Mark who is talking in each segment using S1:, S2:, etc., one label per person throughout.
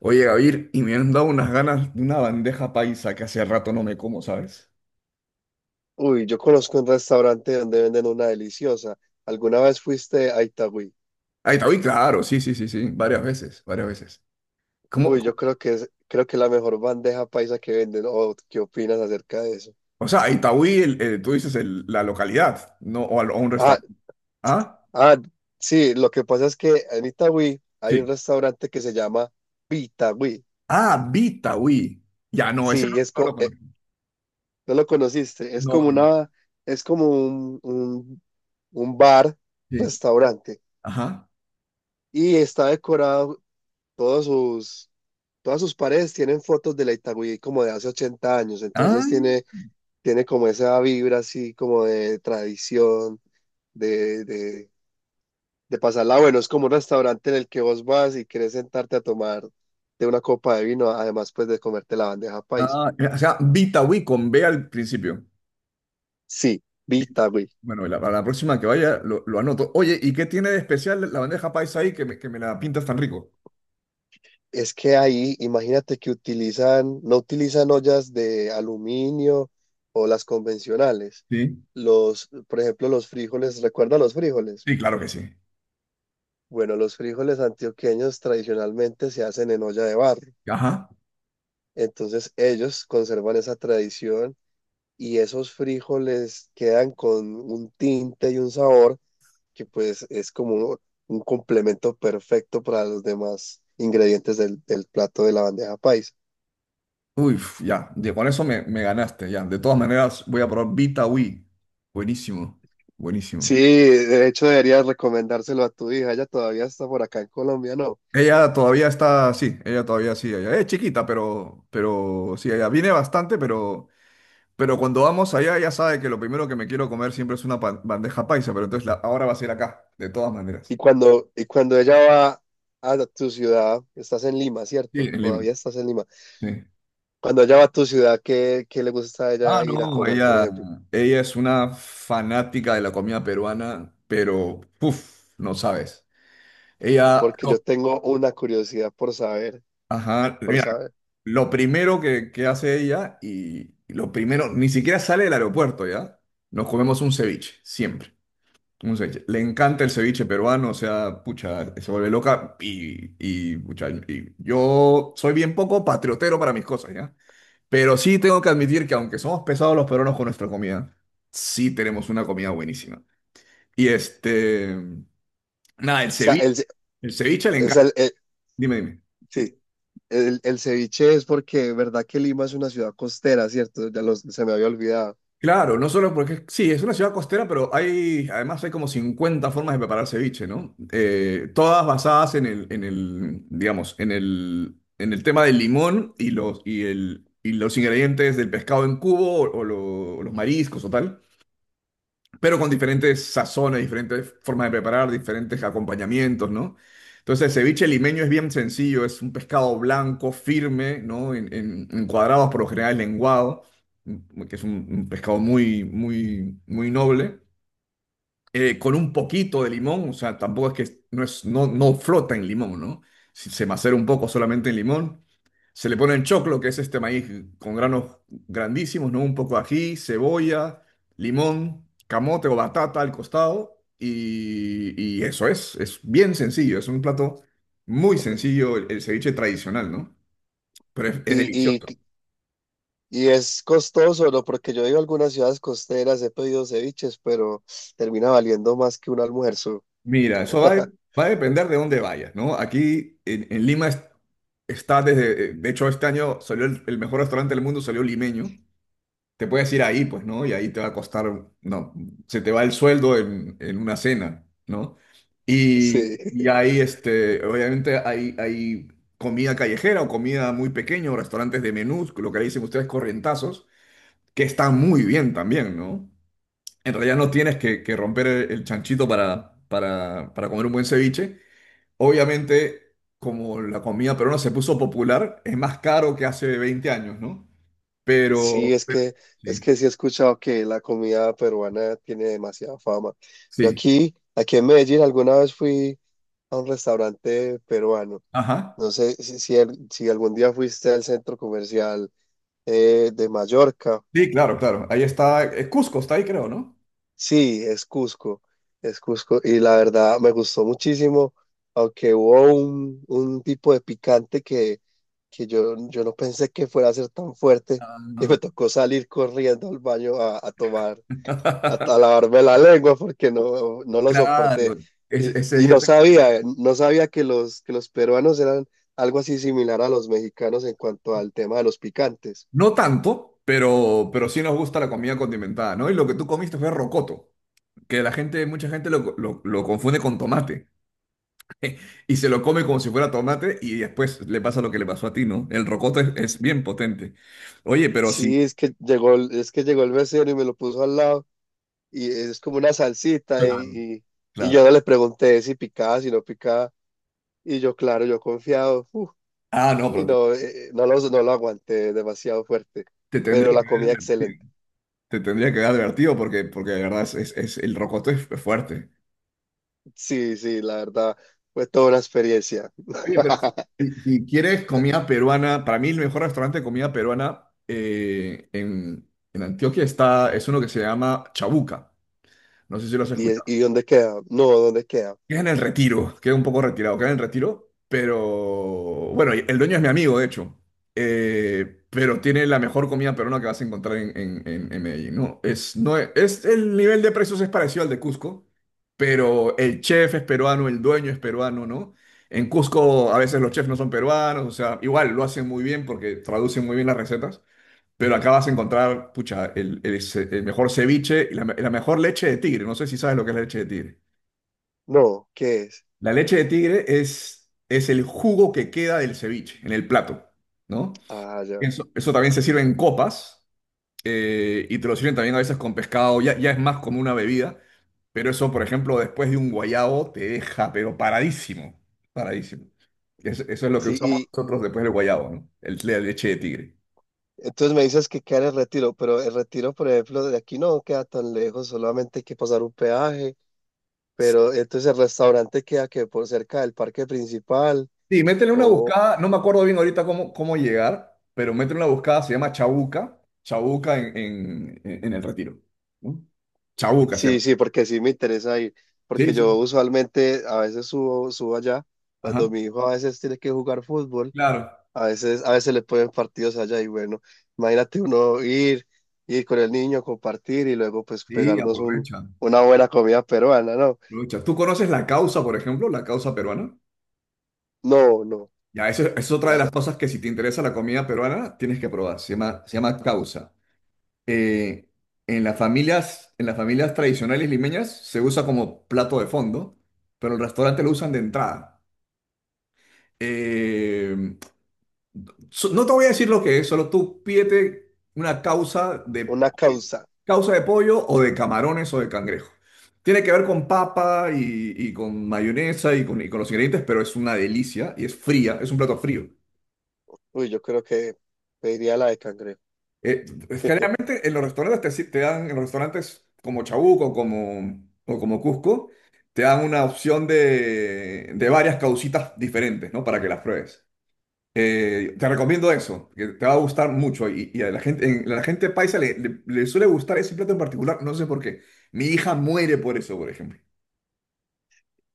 S1: Oye, Gabriel, y me han dado unas ganas de una bandeja paisa que hace rato no me como, ¿sabes?
S2: Uy, yo conozco un restaurante donde venden una deliciosa. ¿Alguna vez fuiste a Itagüí?
S1: Aitaúí, claro, sí, sí, sí, sí, varias veces, varias veces. ¿Cómo?
S2: Uy, yo
S1: ¿Cómo?
S2: creo que es la mejor bandeja paisa que venden. ¿O qué opinas acerca de eso?
S1: O sea, Aitaúí, tú dices la localidad, ¿no? O, o un
S2: Ah,
S1: restaurante. ¿Ah?
S2: ah, sí, lo que pasa es que en Itagüí hay un
S1: Sí.
S2: restaurante que se llama Vitagüí.
S1: Ah, Bitaúí. Ya, no, ese
S2: Sí,
S1: no,
S2: y es
S1: no lo conozco.
S2: no lo conociste, es
S1: No,
S2: como
S1: no, no.
S2: una, es como un bar,
S1: Sí.
S2: restaurante,
S1: Ajá.
S2: y está decorado todos sus Todas sus paredes tienen fotos de la Itagüí como de hace 80 años,
S1: Ah,
S2: entonces tiene, tiene como esa vibra así como de tradición, de, de, de pasarla bueno. Es como un restaurante en el que vos vas y querés sentarte a tomar de una copa de vino, además pues de comerte la bandeja paisa.
S1: o sea, Bitaúí con B al principio.
S2: Sí, vi
S1: Vita-
S2: Itagüí.
S1: Bueno, para la próxima que vaya lo anoto. Oye, ¿y qué tiene de especial la bandeja paisa ahí que que me la pintas tan rico?
S2: Es que ahí, imagínate que utilizan, no utilizan ollas de aluminio o las convencionales.
S1: Sí.
S2: Los, por ejemplo, los frijoles, ¿recuerda los frijoles?
S1: Sí, claro que sí.
S2: Bueno, los frijoles antioqueños tradicionalmente se hacen en olla de barro.
S1: Ajá.
S2: Entonces ellos conservan esa tradición y esos frijoles quedan con un tinte y un sabor que pues es como un complemento perfecto para los demás ingredientes del plato de la bandeja paisa.
S1: Uy, ya. Con eso me ganaste, ya. De todas maneras, voy a probar Vita Wii. Buenísimo.
S2: Sí,
S1: Buenísimo.
S2: de hecho deberías recomendárselo a tu hija, ella todavía está por acá en Colombia, ¿no?
S1: Ella todavía está, sí, ella todavía sí, ella es chiquita, pero sí, ella viene bastante, pero cuando vamos allá, ella sabe que lo primero que me quiero comer siempre es una bandeja paisa, pero entonces ahora va a ser acá, de todas maneras.
S2: Y cuando ella va a tu ciudad, estás en Lima,
S1: Sí,
S2: ¿cierto?
S1: en Lima.
S2: Todavía estás en Lima.
S1: Sí.
S2: Cuando ella va a tu ciudad, ¿qué le gusta a ella ir a
S1: No,
S2: comer, por ejemplo?
S1: ella es una fanática de la comida peruana, pero, uff, no sabes. Ella.
S2: Porque yo tengo una curiosidad por saber,
S1: Ajá,
S2: por
S1: mira,
S2: saber. O
S1: lo primero que hace ella y lo primero, ni siquiera sale del aeropuerto, ¿ya? Nos comemos un ceviche, siempre. Un ceviche. Le encanta el ceviche peruano, o sea, pucha, se vuelve loca pucha, y yo soy bien poco patriotero para mis cosas, ¿ya? Pero sí tengo que admitir que aunque somos pesados los peruanos con nuestra comida, sí tenemos una comida buenísima. Y este, nada,
S2: sea, el, ce-
S1: el ceviche le
S2: o
S1: encanta.
S2: sea, el-
S1: Dime, dime.
S2: Sí, el ceviche es porque, ¿verdad que Lima es una ciudad costera, cierto? Se me había olvidado.
S1: Claro, no solo porque sí, es una ciudad costera, pero hay, además hay como 50 formas de preparar ceviche, ¿no? Todas basadas en el, digamos, en el tema del limón y los ingredientes del pescado en cubo o los mariscos o tal, pero con diferentes sazones, diferentes formas de preparar, diferentes acompañamientos, ¿no? Entonces, el ceviche limeño es bien sencillo, es un pescado blanco, firme, ¿no? En cuadrados, por lo general lenguado, que es un pescado muy noble, con un poquito de limón, o sea, tampoco es que no, es, no, no flota en limón, ¿no? Se macera un poco solamente en limón. Se le pone en choclo, que es este maíz con granos grandísimos, ¿no? Un poco de ají, cebolla, limón, camote o batata al costado. Y eso es bien sencillo, es un plato muy sencillo, el ceviche tradicional, ¿no? Pero es
S2: Y, y,
S1: delicioso.
S2: y es costoso, ¿no? Porque yo he ido a algunas ciudades costeras, he pedido ceviches, pero termina valiendo más que un almuerzo.
S1: Mira, eso va, a de- va a depender de dónde vayas, ¿no? Aquí en Lima está desde, de hecho este año salió el mejor restaurante del mundo, salió limeño. Te puedes ir ahí, pues, ¿no? Y ahí te va a costar, no, se te va el sueldo en una cena, ¿no?
S2: Sí.
S1: Y ahí, este, obviamente hay, hay comida callejera o comida muy pequeña o restaurantes de menús, lo que le dicen ustedes corrientazos, que están muy bien también, ¿no? En realidad no tienes que romper el chanchito para comer un buen ceviche. Obviamente, como la comida peruana se puso popular, es más caro que hace 20 años, ¿no?
S2: Sí,
S1: Pero, pero-
S2: es
S1: sí.
S2: que sí he escuchado que la comida peruana tiene demasiada fama. Yo
S1: Sí,
S2: aquí en Medellín, alguna vez fui a un restaurante peruano.
S1: ajá.
S2: No sé si algún día fuiste al centro comercial de Mallorca.
S1: Sí, claro, claro. Ahí está. Cusco está ahí, creo, ¿no?
S2: Sí, es es Cusco. Y la verdad me gustó muchísimo, aunque hubo un tipo de picante yo no pensé que fuera a ser tan fuerte y
S1: Ah.
S2: me tocó salir corriendo al baño a tomar, a lavarme la lengua porque no lo soporté.
S1: Claro,
S2: Y,
S1: ese
S2: y
S1: yo
S2: no
S1: sé cuál es.
S2: sabía, no sabía que los peruanos eran algo así similar a los mexicanos en cuanto al tema de los picantes.
S1: No tanto, pero sí nos gusta la comida condimentada, ¿no? Y lo que tú comiste fue rocoto, que mucha gente lo confunde con tomate y se lo come como si fuera tomate y después le pasa lo que le pasó a ti, ¿no? El rocoto es bien potente. Oye, pero sí,
S2: Sí, es que llegó el mesero y me lo puso al lado. Y es como una salsita
S1: claro,
S2: y, y, y yo
S1: claro.
S2: no le pregunté si picaba, si no picaba y yo claro,
S1: No,
S2: y no, no lo aguanté demasiado fuerte,
S1: te
S2: pero
S1: tendría
S2: la
S1: que
S2: comida
S1: ver.
S2: excelente.
S1: Te tendría que haber advertido porque, porque de verdad es, el rocoto es fuerte.
S2: Sí, sí, la verdad fue toda una experiencia.
S1: Oye, pero si quieres comida peruana, para mí el mejor restaurante de comida peruana en Antioquia está, es uno que se llama Chabuca. No sé si lo has
S2: ¿Y,
S1: escuchado.
S2: y dónde queda? No, ¿dónde queda?
S1: Queda en el Retiro, queda un poco retirado, queda en el Retiro, pero bueno, el dueño es mi amigo, de hecho. Pero tiene la mejor comida peruana que vas a encontrar en Medellín, ¿no? Es, no es, el nivel de precios es parecido al de Cusco, pero el chef es peruano, el dueño es peruano, ¿no? En Cusco a veces los chefs no son peruanos, o sea, igual lo hacen muy bien porque traducen muy bien las recetas, pero acá vas a encontrar, pucha, el mejor ceviche y la mejor leche de tigre, no sé si sabes lo que es la leche de tigre.
S2: No, ¿qué es?
S1: La leche de tigre es el jugo que queda del ceviche en el plato, ¿no?
S2: Ah, ya.
S1: Eso también se sirve en copas, y te lo sirven también a veces con pescado, ya, ya es más como una bebida, pero eso, por ejemplo, después de un guayabo te deja, pero paradísimo, paradísimo. Eso es lo que
S2: Sí,
S1: usamos
S2: y
S1: nosotros después del guayabo, ¿no? La leche de tigre.
S2: entonces me dices que queda en el Retiro, pero el Retiro, por ejemplo, de aquí no queda tan lejos, solamente hay que pasar un peaje. Pero entonces el restaurante queda que por cerca del parque principal
S1: Sí, métele una
S2: o
S1: buscada, no me acuerdo bien ahorita cómo, cómo llegar, pero métele una buscada, se llama Chabuca, Chabuca en el Retiro, ¿no? Chabuca se llama.
S2: sí, sí, porque sí me interesa ir, porque
S1: Sí,
S2: yo
S1: sí,
S2: usualmente a veces subo allá,
S1: ajá,
S2: cuando mi hijo a veces tiene que jugar fútbol,
S1: claro.
S2: a veces le ponen partidos allá y bueno, imagínate uno ir con el niño, compartir y luego pues
S1: Sí,
S2: pegarnos
S1: aprovecha,
S2: una buena comida peruana, no,
S1: aprovecha. ¿Tú conoces la causa, por ejemplo, la causa peruana?
S2: no, no,
S1: Ya, eso eso es otra de
S2: la,
S1: las cosas que si te interesa la comida peruana, tienes que probar, se llama causa. Eh, en las familias, en las familias tradicionales limeñas se usa como plato de fondo, pero el restaurante lo usan de entrada. Eh, No te voy a decir lo que es, solo tú pídete una causa de
S2: una
S1: pollo.
S2: causa,
S1: Causa de pollo o de camarones o de cangrejo. Tiene que ver con papa y con mayonesa y con los ingredientes, pero es una delicia y es fría, es un plato frío.
S2: uy, yo creo que pediría la de cangrejo.
S1: Eh, Generalmente en los restaurantes te, si- te dan, en los restaurantes como Chabuco como, o como Cusco, te dan una opción de varias causitas diferentes, ¿no? Para que las pruebes. Te recomiendo eso, que te va a gustar mucho. Y a la gente, la gente paisa le suele gustar ese plato en particular, no sé por qué. Mi hija muere por eso, por ejemplo.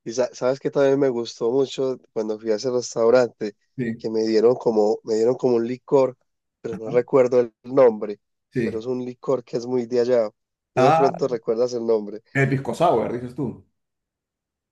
S2: Y sa- sabes que también me gustó mucho cuando fui a ese restaurante,
S1: Sí,
S2: que me me dieron como un licor, pero no recuerdo el nombre, pero
S1: sí.
S2: es un licor que es muy de allá. Tú de
S1: Ah,
S2: pronto recuerdas el nombre.
S1: el pisco sour, dices tú.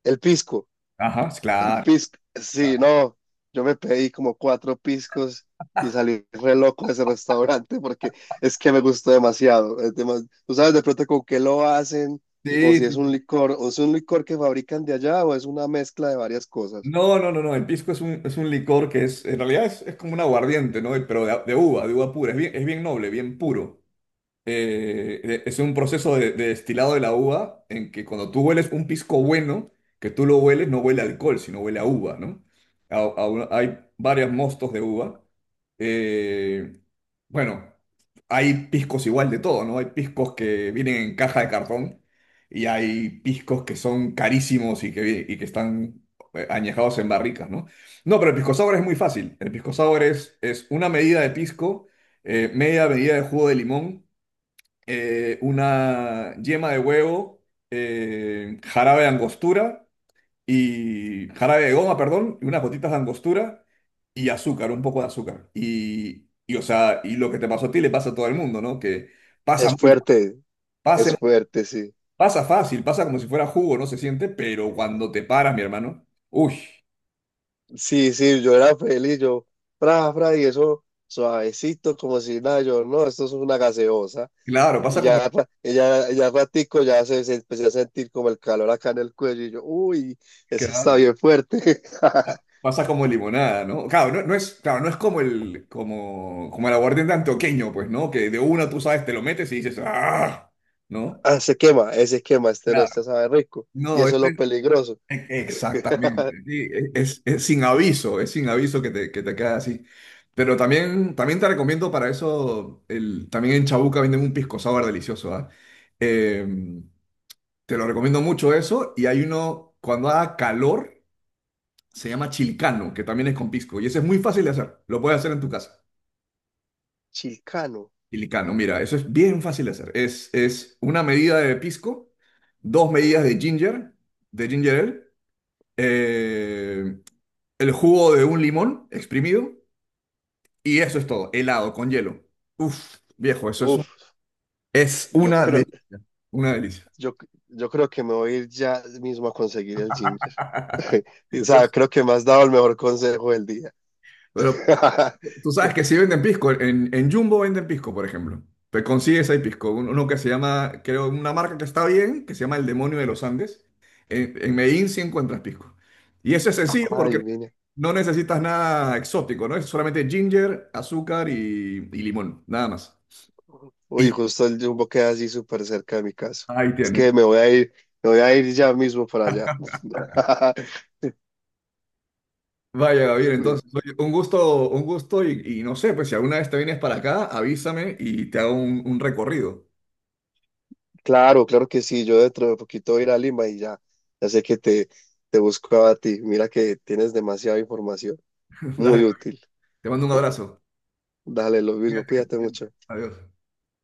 S2: El pisco,
S1: Ajá, sí,
S2: el
S1: claro.
S2: pisco.
S1: Ah.
S2: Sí, no, yo me pedí como cuatro piscos y salí re loco de ese restaurante porque es que me gustó demasiado. Es demas- Tú sabes de pronto con qué lo hacen, o
S1: Sí,
S2: si es un
S1: sí.
S2: licor, o es un licor que fabrican de allá, o es una mezcla de varias cosas.
S1: No, no, no, no. El pisco es un licor que es, en realidad es como un aguardiente, ¿no? Pero de uva pura. Es bien noble, bien puro. eh, es un proceso de destilado de la uva en que cuando tú hueles un pisco bueno, que tú lo hueles, no huele a alcohol, sino huele a uva, ¿no? Hay varios mostos de uva. Eh, bueno, hay piscos igual de todo, ¿no? Hay piscos que vienen en caja de cartón y hay piscos que son carísimos y y que están añejados en barricas, ¿no? No, pero el pisco sour es muy fácil. El pisco sour es una medida de pisco, media medida de jugo de limón, una yema de huevo, jarabe de angostura y jarabe de goma, perdón, y unas gotitas de angostura y azúcar, un poco de azúcar. Y, o sea, y lo que te pasó a ti le pasa a todo el mundo, ¿no? Que pasa
S2: Es
S1: muy, pasa,
S2: es
S1: muy-
S2: fuerte, sí.
S1: pasa fácil, pasa como si fuera jugo, no se siente, pero cuando te paras, mi hermano, uy,
S2: Sí, sí, yo era feliz, fra, fra, y eso suavecito, como si nada, yo, no, esto es una gaseosa.
S1: claro,
S2: Y
S1: pasa como...
S2: ya ratico, ya se empecé a sentir como el calor acá en el cuello, y yo, uy, eso está
S1: claro,
S2: bien fuerte.
S1: pasa como limonada, ¿no? Claro, no, no es, claro, no es como el, como, como el aguardiente antioqueño, pues, ¿no? Que de una tú sabes, te lo metes y dices, ¡ah! ¿No?
S2: Ah, se quema, ese quema, este no,
S1: Claro.
S2: este sabe rico. Y
S1: No,
S2: eso es lo
S1: este,
S2: peligroso.
S1: e- exactamente. Sí, es sin aviso que que te queda así. Pero también, también te recomiendo para eso, también en Chabuca venden un pisco sour delicioso, ¿ah? Eh, Te lo recomiendo mucho eso. Y hay uno, cuando haga calor, se llama chilicano, que también es con pisco, y ese es muy fácil de hacer, lo puedes hacer en tu casa.
S2: Chilcano,
S1: Chilicano, mira, eso es bien fácil de hacer. Es una medida de pisco, dos medidas de ginger ale, eh, el jugo de un limón exprimido, y eso es todo, helado con hielo. Uf, viejo,
S2: uf,
S1: es
S2: yo
S1: una
S2: creo,
S1: delicia, una delicia.
S2: yo, yo creo que me voy a ir ya mismo a conseguir el ginger. O sea, creo que me has dado el mejor consejo del día.
S1: Pero, tú sabes que sí venden pisco. En Jumbo venden pisco, por ejemplo. Te consigues ahí pisco. Uno que se llama, creo, una marca que está bien, que se llama El Demonio de los Andes. En Medellín sí encuentras pisco. Y eso es sencillo
S2: Ay,
S1: porque
S2: mira.
S1: no necesitas nada exótico, ¿no? Es solamente ginger, azúcar y limón, nada más.
S2: Uy,
S1: Y
S2: justo el Jumbo queda así súper cerca de mi casa.
S1: ahí
S2: Es
S1: tienes.
S2: que me voy a me voy a ir ya mismo para allá.
S1: Vaya, Gabriel,
S2: Pues,
S1: entonces, oye, un gusto y no sé, pues si alguna vez te vienes para acá, avísame y te hago un recorrido.
S2: claro, claro que sí. Yo dentro de poquito voy a ir a Lima y ya sé que te busco a ti. Mira que tienes demasiada información, muy
S1: Dale,
S2: útil.
S1: te mando un abrazo.
S2: Dale, lo mismo,
S1: Cuídate, que estés
S2: cuídate
S1: bien.
S2: mucho.
S1: Adiós.